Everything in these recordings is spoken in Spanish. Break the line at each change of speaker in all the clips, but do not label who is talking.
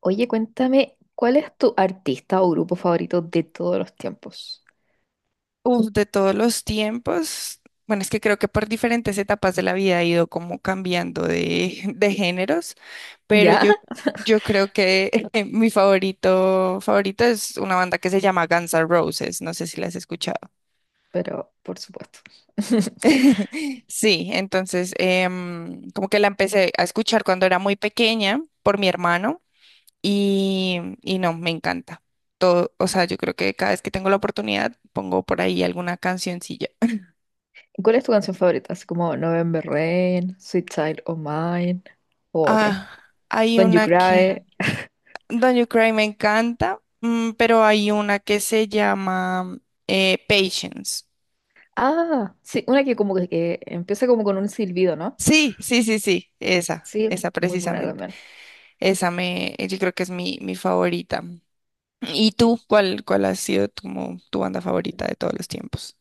Oye, cuéntame, ¿cuál es tu artista o grupo favorito de todos los tiempos?
Uf, de todos los tiempos, bueno, es que creo que por diferentes etapas de la vida ha ido como cambiando de, de géneros, pero
¿Ya?
yo creo que mi favorito es una banda que se llama Guns N' Roses, no sé si la has escuchado.
Pero, por supuesto.
Sí, entonces como que la empecé a escuchar cuando era muy pequeña por mi hermano y no, me encanta. Todo, o sea, yo creo que cada vez que tengo la oportunidad pongo por ahí alguna cancioncilla.
¿Cuál es tu canción favorita? Así como November Rain, Sweet Child O' Mine, o otra.
Ah, hay
When You
una que,
Cry.
Don't You Cry me encanta, pero hay una que se llama Patience.
Ah, sí, una que como que empieza como con un silbido, ¿no?
Sí, sí, sí, sí, esa,
Sí,
esa
muy buena
precisamente.
también.
Esa me, yo creo que es mi favorita. ¿Y tú? ¿Cuál ha sido tu banda favorita de todos los tiempos?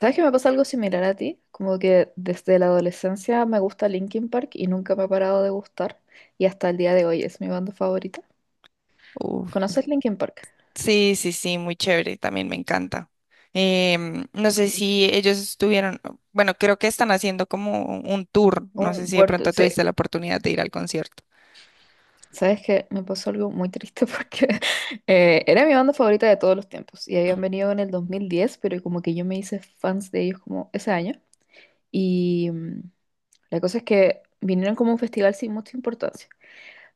¿Sabes que me pasa algo similar a ti? Como que desde la adolescencia me gusta Linkin Park y nunca me ha parado de gustar. Y hasta el día de hoy es mi banda favorita.
Uf.
¿Conoces Linkin Park?
Sí, sí, sí, muy chévere, también me encanta. No sé si ellos estuvieron, bueno, creo que están haciendo como un tour, no sé
Un
si de
word,
pronto
sí,
tuviste la oportunidad de ir al concierto.
sabes que me pasó algo muy triste porque era mi banda favorita de todos los tiempos y habían venido en el 2010, pero como que yo me hice fans de ellos como ese año. Y la cosa es que vinieron como a un festival sin mucha importancia.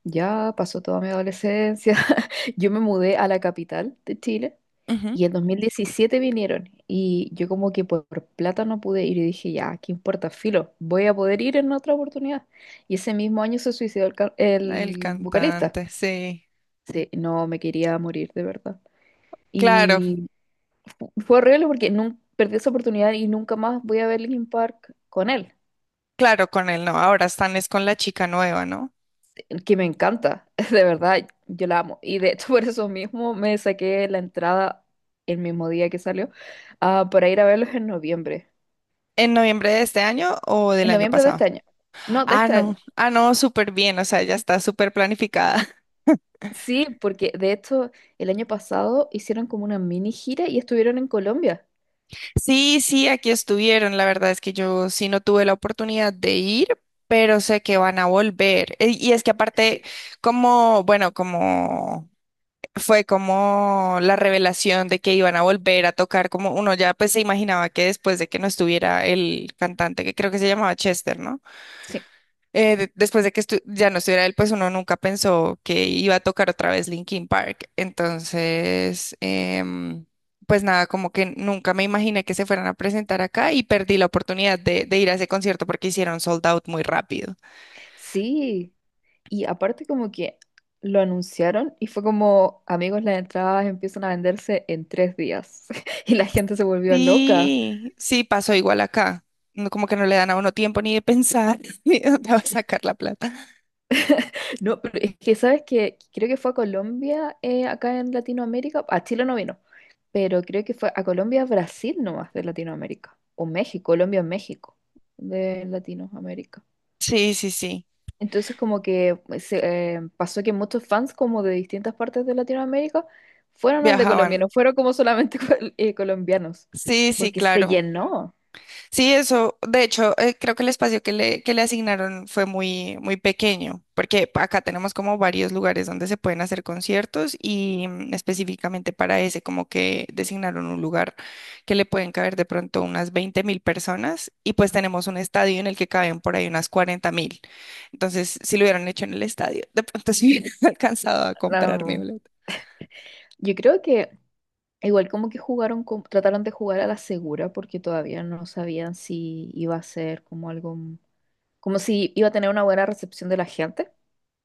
Ya pasó toda mi adolescencia. Yo me mudé a la capital de Chile
Ujú.
y en 2017 vinieron y yo como que por plata no pude ir y dije, ya, ¿qué importa? Filo, voy a poder ir en otra oportunidad. Y ese mismo año se suicidó el, ca-
El
el vocalista.
cantante, sí.
Sí, no me quería morir de verdad.
Claro,
Y fue horrible porque perdí esa oportunidad y nunca más voy a ver Linkin Park con él.
claro, con él no. Ahora están es con la chica nueva, ¿no?
Que me encanta, de verdad, yo la amo. Y de hecho, por eso mismo me saqué la entrada el mismo día que salió, ah, para ir a verlos en noviembre.
¿En noviembre de este año o del
En
año
noviembre de este
pasado?
año. No, de
Ah,
este
no.
año.
Ah, no, súper bien. O sea, ya está súper planificada.
Sí, porque de hecho, el año pasado hicieron como una mini gira y estuvieron en Colombia.
Sí, sí, aquí estuvieron. La verdad es que yo sí no tuve la oportunidad de ir, pero sé que van a volver. Y es que aparte,
Sí,
como, bueno, como fue como la revelación de que iban a volver a tocar, como uno ya pues se imaginaba que después de que no estuviera el cantante, que creo que se llamaba Chester, ¿no?
sí,
Después de que ya no estuviera él, pues uno nunca pensó que iba a tocar otra vez Linkin Park. Entonces, pues nada, como que nunca me imaginé que se fueran a presentar acá y perdí la oportunidad de ir a ese concierto porque hicieron sold out muy rápido.
sí. Y aparte como que lo anunciaron y fue como, amigos, las entradas empiezan a venderse en 3 días. Y la gente se volvió loca.
Sí, sí, pasó igual acá. No, como que no le dan a uno tiempo ni de pensar ni de dónde va a sacar la plata.
No, pero es que sabes que creo que fue a Colombia, acá en Latinoamérica, a Chile no vino, pero creo que fue a Colombia, Brasil nomás de Latinoamérica, o México, Colombia, México, de Latinoamérica.
Sí, sí, sí,
Entonces como que pues, pasó que muchos fans como de distintas partes de Latinoamérica fueron al de Colombia,
viajaban.
no fueron como solamente colombianos,
Sí, sí,
porque se
claro.
llenó.
Sí, eso, de hecho, creo que el espacio que le asignaron fue muy, muy pequeño, porque acá tenemos como varios lugares donde se pueden hacer conciertos y específicamente para ese, como que designaron un lugar que le pueden caber de pronto unas 20.000 personas y pues tenemos un estadio en el que caben por ahí unas 40.000. Entonces, si lo hubieran hecho en el estadio, de pronto sí hubiera alcanzado a comprar mi
No,
boleto.
yo creo que igual como que jugaron, trataron de jugar a la segura porque todavía no sabían si iba a ser como algo, como si iba a tener una buena recepción de la gente.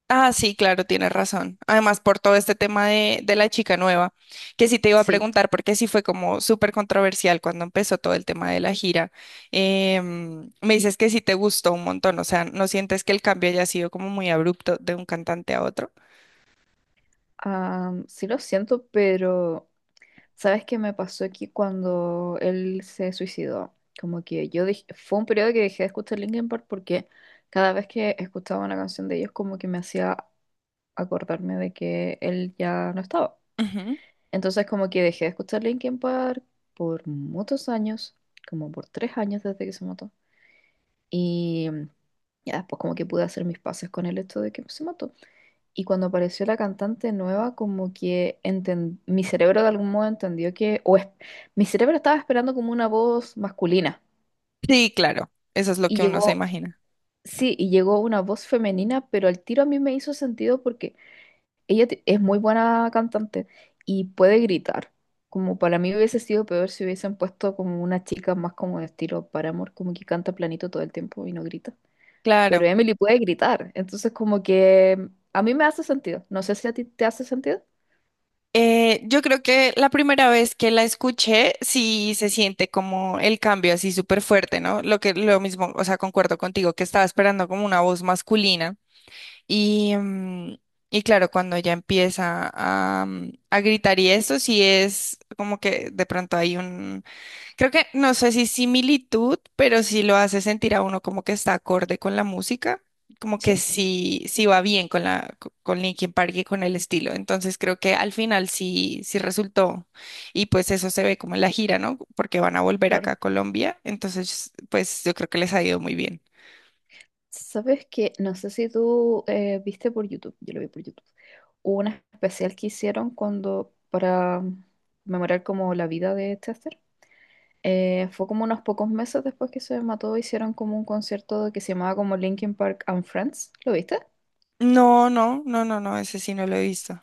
Ah, sí, claro, tienes razón. Además, por todo este tema de la chica nueva, que sí te iba a
Sí,
preguntar, porque sí fue como súper controversial cuando empezó todo el tema de la gira. Me dices que sí te gustó un montón, o sea, ¿no sientes que el cambio haya sido como muy abrupto de un cantante a otro?
ah, sí lo siento, pero ¿sabes qué me pasó aquí cuando él se suicidó? Como que fue un periodo que dejé de escuchar Linkin Park porque cada vez que escuchaba una canción de ellos como que me hacía acordarme de que él ya no estaba.
Ujú.
Entonces como que dejé de escuchar Linkin Park por muchos años, como por 3 años desde que se mató. Y ya después como que pude hacer mis pases con el hecho de que se mató. Y cuando apareció la cantante nueva, como que mi cerebro de algún modo entendió que, mi cerebro estaba esperando como una voz masculina.
Sí, claro, eso es lo
Y
que uno se
llegó,
imagina.
sí, y llegó una voz femenina, pero al tiro a mí me hizo sentido porque Ella es muy buena cantante y puede gritar. Como para mí hubiese sido peor si hubiesen puesto como una chica más como de estilo Paramore, como que canta planito todo el tiempo y no grita. Pero
Claro.
Emily puede gritar, entonces como que a mí me hace sentido. No sé si a ti te hace sentido.
Yo creo que la primera vez que la escuché, sí se siente como el cambio así súper fuerte, ¿no? Lo que lo mismo, o sea, concuerdo contigo que estaba esperando como una voz masculina y, y claro, cuando ya empieza a, a gritar y eso sí es como que de pronto hay un... Creo que no sé si similitud, pero sí lo hace sentir a uno como que está acorde con la música, como
Sí,
que sí, sí va bien con la, con Linkin Park y con el estilo. Entonces creo que al final sí, sí resultó. Y pues eso se ve como en la gira, ¿no? Porque van a volver acá
claro.
a Colombia. Entonces, pues yo creo que les ha ido muy bien.
Sabes que no sé si tú viste por YouTube, yo lo vi por YouTube. Hubo un especial que hicieron cuando para memorar como la vida de Chester. Fue como unos pocos meses después que se mató, hicieron como un concierto que se llamaba como Linkin Park and Friends. ¿Lo viste?
No, no, no, no, no, ese sí no lo he visto.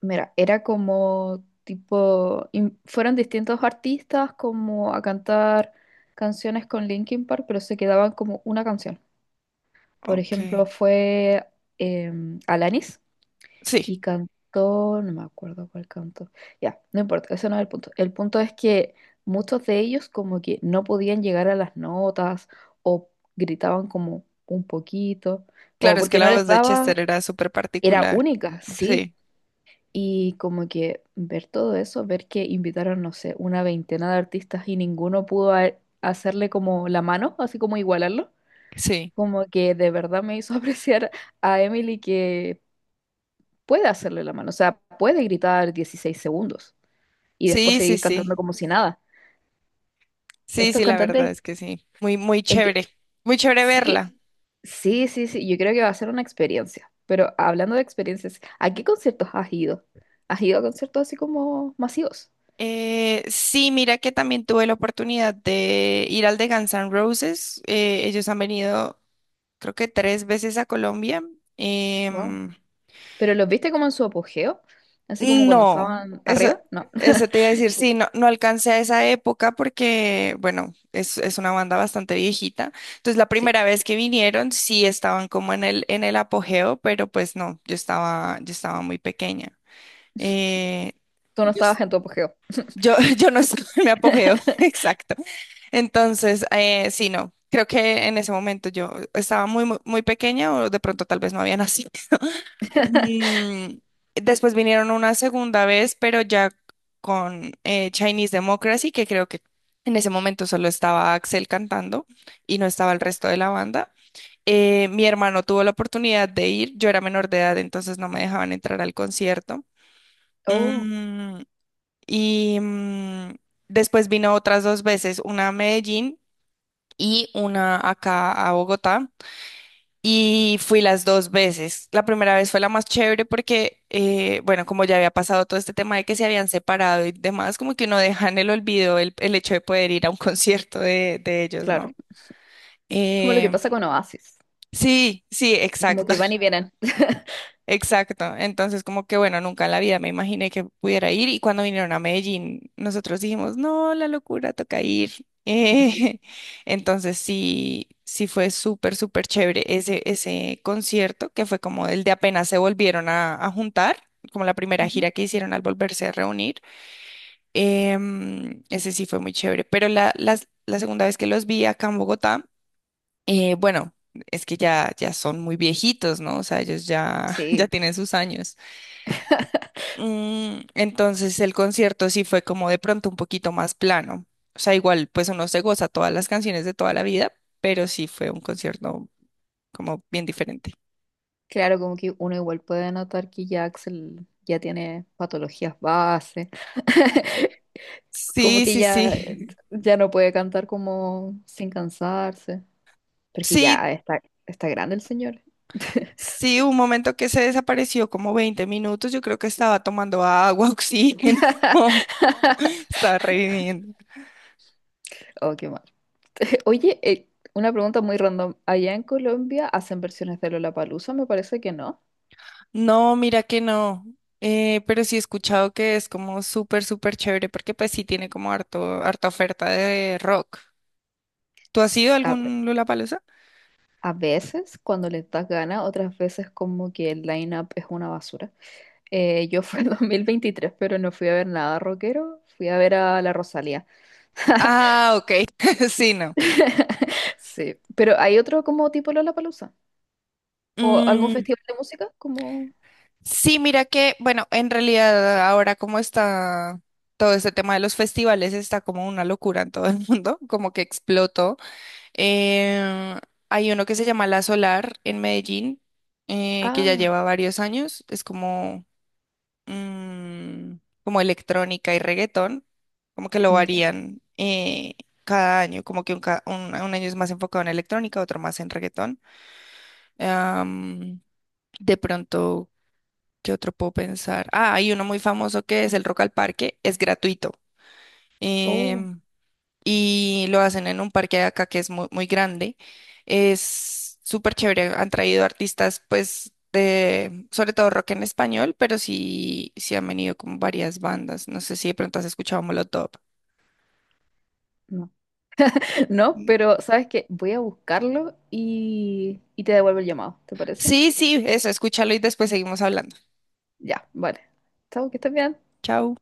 Mira, era como tipo, fueron distintos artistas como a cantar canciones con Linkin Park, pero se quedaban como una canción. Por
Ok.
ejemplo, fue Alanis.
Sí,
Y cantó, no me acuerdo cuál cantó. Ya, no importa, ese no es el punto. El punto es que muchos de ellos como que no podían llegar a las notas o gritaban como un poquito, como
claro, es que
porque no
la
les
voz de
daba,
Chester era súper
era
particular.
única, sí.
Sí,
Y como que ver todo eso, ver que invitaron, no sé, una veintena de artistas y ninguno pudo hacerle como la mano, así como igualarlo,
sí,
como que de verdad me hizo apreciar a Emily que puede hacerle la mano, o sea, puede gritar 16 segundos y después
sí, sí,
seguir
sí.
cantando como si nada.
Sí,
Estos
sí, la verdad
cantantes,
es que sí. Muy, muy
enti-
chévere. Muy chévere verla.
sí, sí, sí, sí, yo creo que va a ser una experiencia, pero hablando de experiencias, ¿a qué conciertos has ido? ¿Has ido a conciertos así como masivos?
Sí, mira que también tuve la oportunidad de ir al de Guns N' Roses. Ellos han venido, creo que 3 veces a Colombia.
Wow.
Em,
¿Pero los viste como en su apogeo? Así como cuando
No,
estaban
eso,
arriba, no,
eso te iba a decir, sí, no, no alcancé a esa época porque, bueno, es una banda bastante viejita. Entonces, la
sí,
primera vez que vinieron, sí estaban como en el apogeo, pero pues no, yo estaba muy pequeña. Eh,
tú no
yo, es-
estabas en tu apogeo.
yo, yo no estaba en mi apogeo, exacto. Entonces, sí, no, creo que en ese momento yo estaba muy, muy, muy pequeña o de pronto tal vez no había nacido. Mm, después vinieron una segunda vez, pero ya con Chinese Democracy, que creo que en ese momento solo estaba Axel cantando y no estaba el resto de la banda. Mi hermano tuvo la oportunidad de ir, yo era menor de edad, entonces no me dejaban entrar al concierto.
Oh,
Mm, y mm, después vino otras dos veces, una a Medellín y una acá a Bogotá. Y fui las dos veces. La primera vez fue la más chévere porque, bueno, como ya había pasado todo este tema de que se habían separado y demás, como que uno deja en el olvido el hecho de poder ir a un concierto de ellos,
claro,
¿no?
es como lo que
Eh,
pasa con Oasis,
sí, sí,
como
exacto.
que van y vienen.
Exacto, entonces como que bueno, nunca en la vida me imaginé que pudiera ir y cuando vinieron a Medellín nosotros dijimos, no, la locura, toca ir. Entonces sí, sí fue súper, súper chévere ese, ese concierto que fue como el de apenas se volvieron a juntar, como la primera
Ujú.
gira que hicieron al volverse a reunir. Ese sí fue muy chévere, pero la segunda vez que los vi acá en Bogotá, bueno, es que ya, ya son muy viejitos, ¿no? O sea, ellos ya, ya
Sí.
tienen sus años. Entonces el concierto sí fue como de pronto un poquito más plano. O sea, igual pues uno se goza todas las canciones de toda la vida, pero sí fue un concierto como bien diferente.
Claro, como que uno igual puede notar que ya Axel ya tiene patologías base, como
Sí,
que
sí,
ya,
sí.
ya no puede cantar como sin cansarse, porque
Sí,
ya está, está grande el señor.
sí, un momento que se desapareció como 20 minutos, yo creo que estaba tomando agua, oxígeno, estaba reviviendo.
Oh, qué mal. Oye, una pregunta muy random. ¿Allá en Colombia hacen versiones de Lollapalooza? Me parece que no.
No, mira que no. Pero sí he escuchado que es como súper, súper chévere porque pues sí tiene como harto, harta oferta de rock. ¿Tú has ido a
S- A,
algún Lollapalooza?
a veces cuando les das gana, otras veces como que el line-up es una basura. Yo fui en 2023, pero no fui a ver nada rockero, fui a ver a la Rosalía.
Ah, ok. Sí, no.
Sí, pero ¿hay otro como tipo Lollapalooza? ¿O algún
Mm,
festival de música? Como,
sí, mira que, bueno, en realidad ahora como está todo este tema de los festivales, está como una locura en todo el mundo, como que explotó. Eh, hay uno que se llama La Solar en Medellín, que ya
ah,
lleva varios años. Es como, mm, como electrónica y reggaetón, como que lo
ya,
varían cada año, como que un, un año es más enfocado en electrónica, otro más en reggaetón. Am, de pronto, ¿qué otro puedo pensar? Ah, hay uno muy famoso que es el Rock al Parque, es gratuito.
oh,
em, y lo hacen en un parque de acá que es muy, muy grande. Es súper chévere. Han traído artistas, pues, de, sobre todo rock en español, pero sí, sí han venido como varias bandas. No sé si de pronto has escuchado Molotov.
no. No,
Mm.
pero ¿sabes qué? Voy a buscarlo y te devuelvo el llamado, ¿te parece?
Sí, sí, eso, escúchalo y después seguimos hablando.
Ya, vale. Chao, que estés bien.
Chao.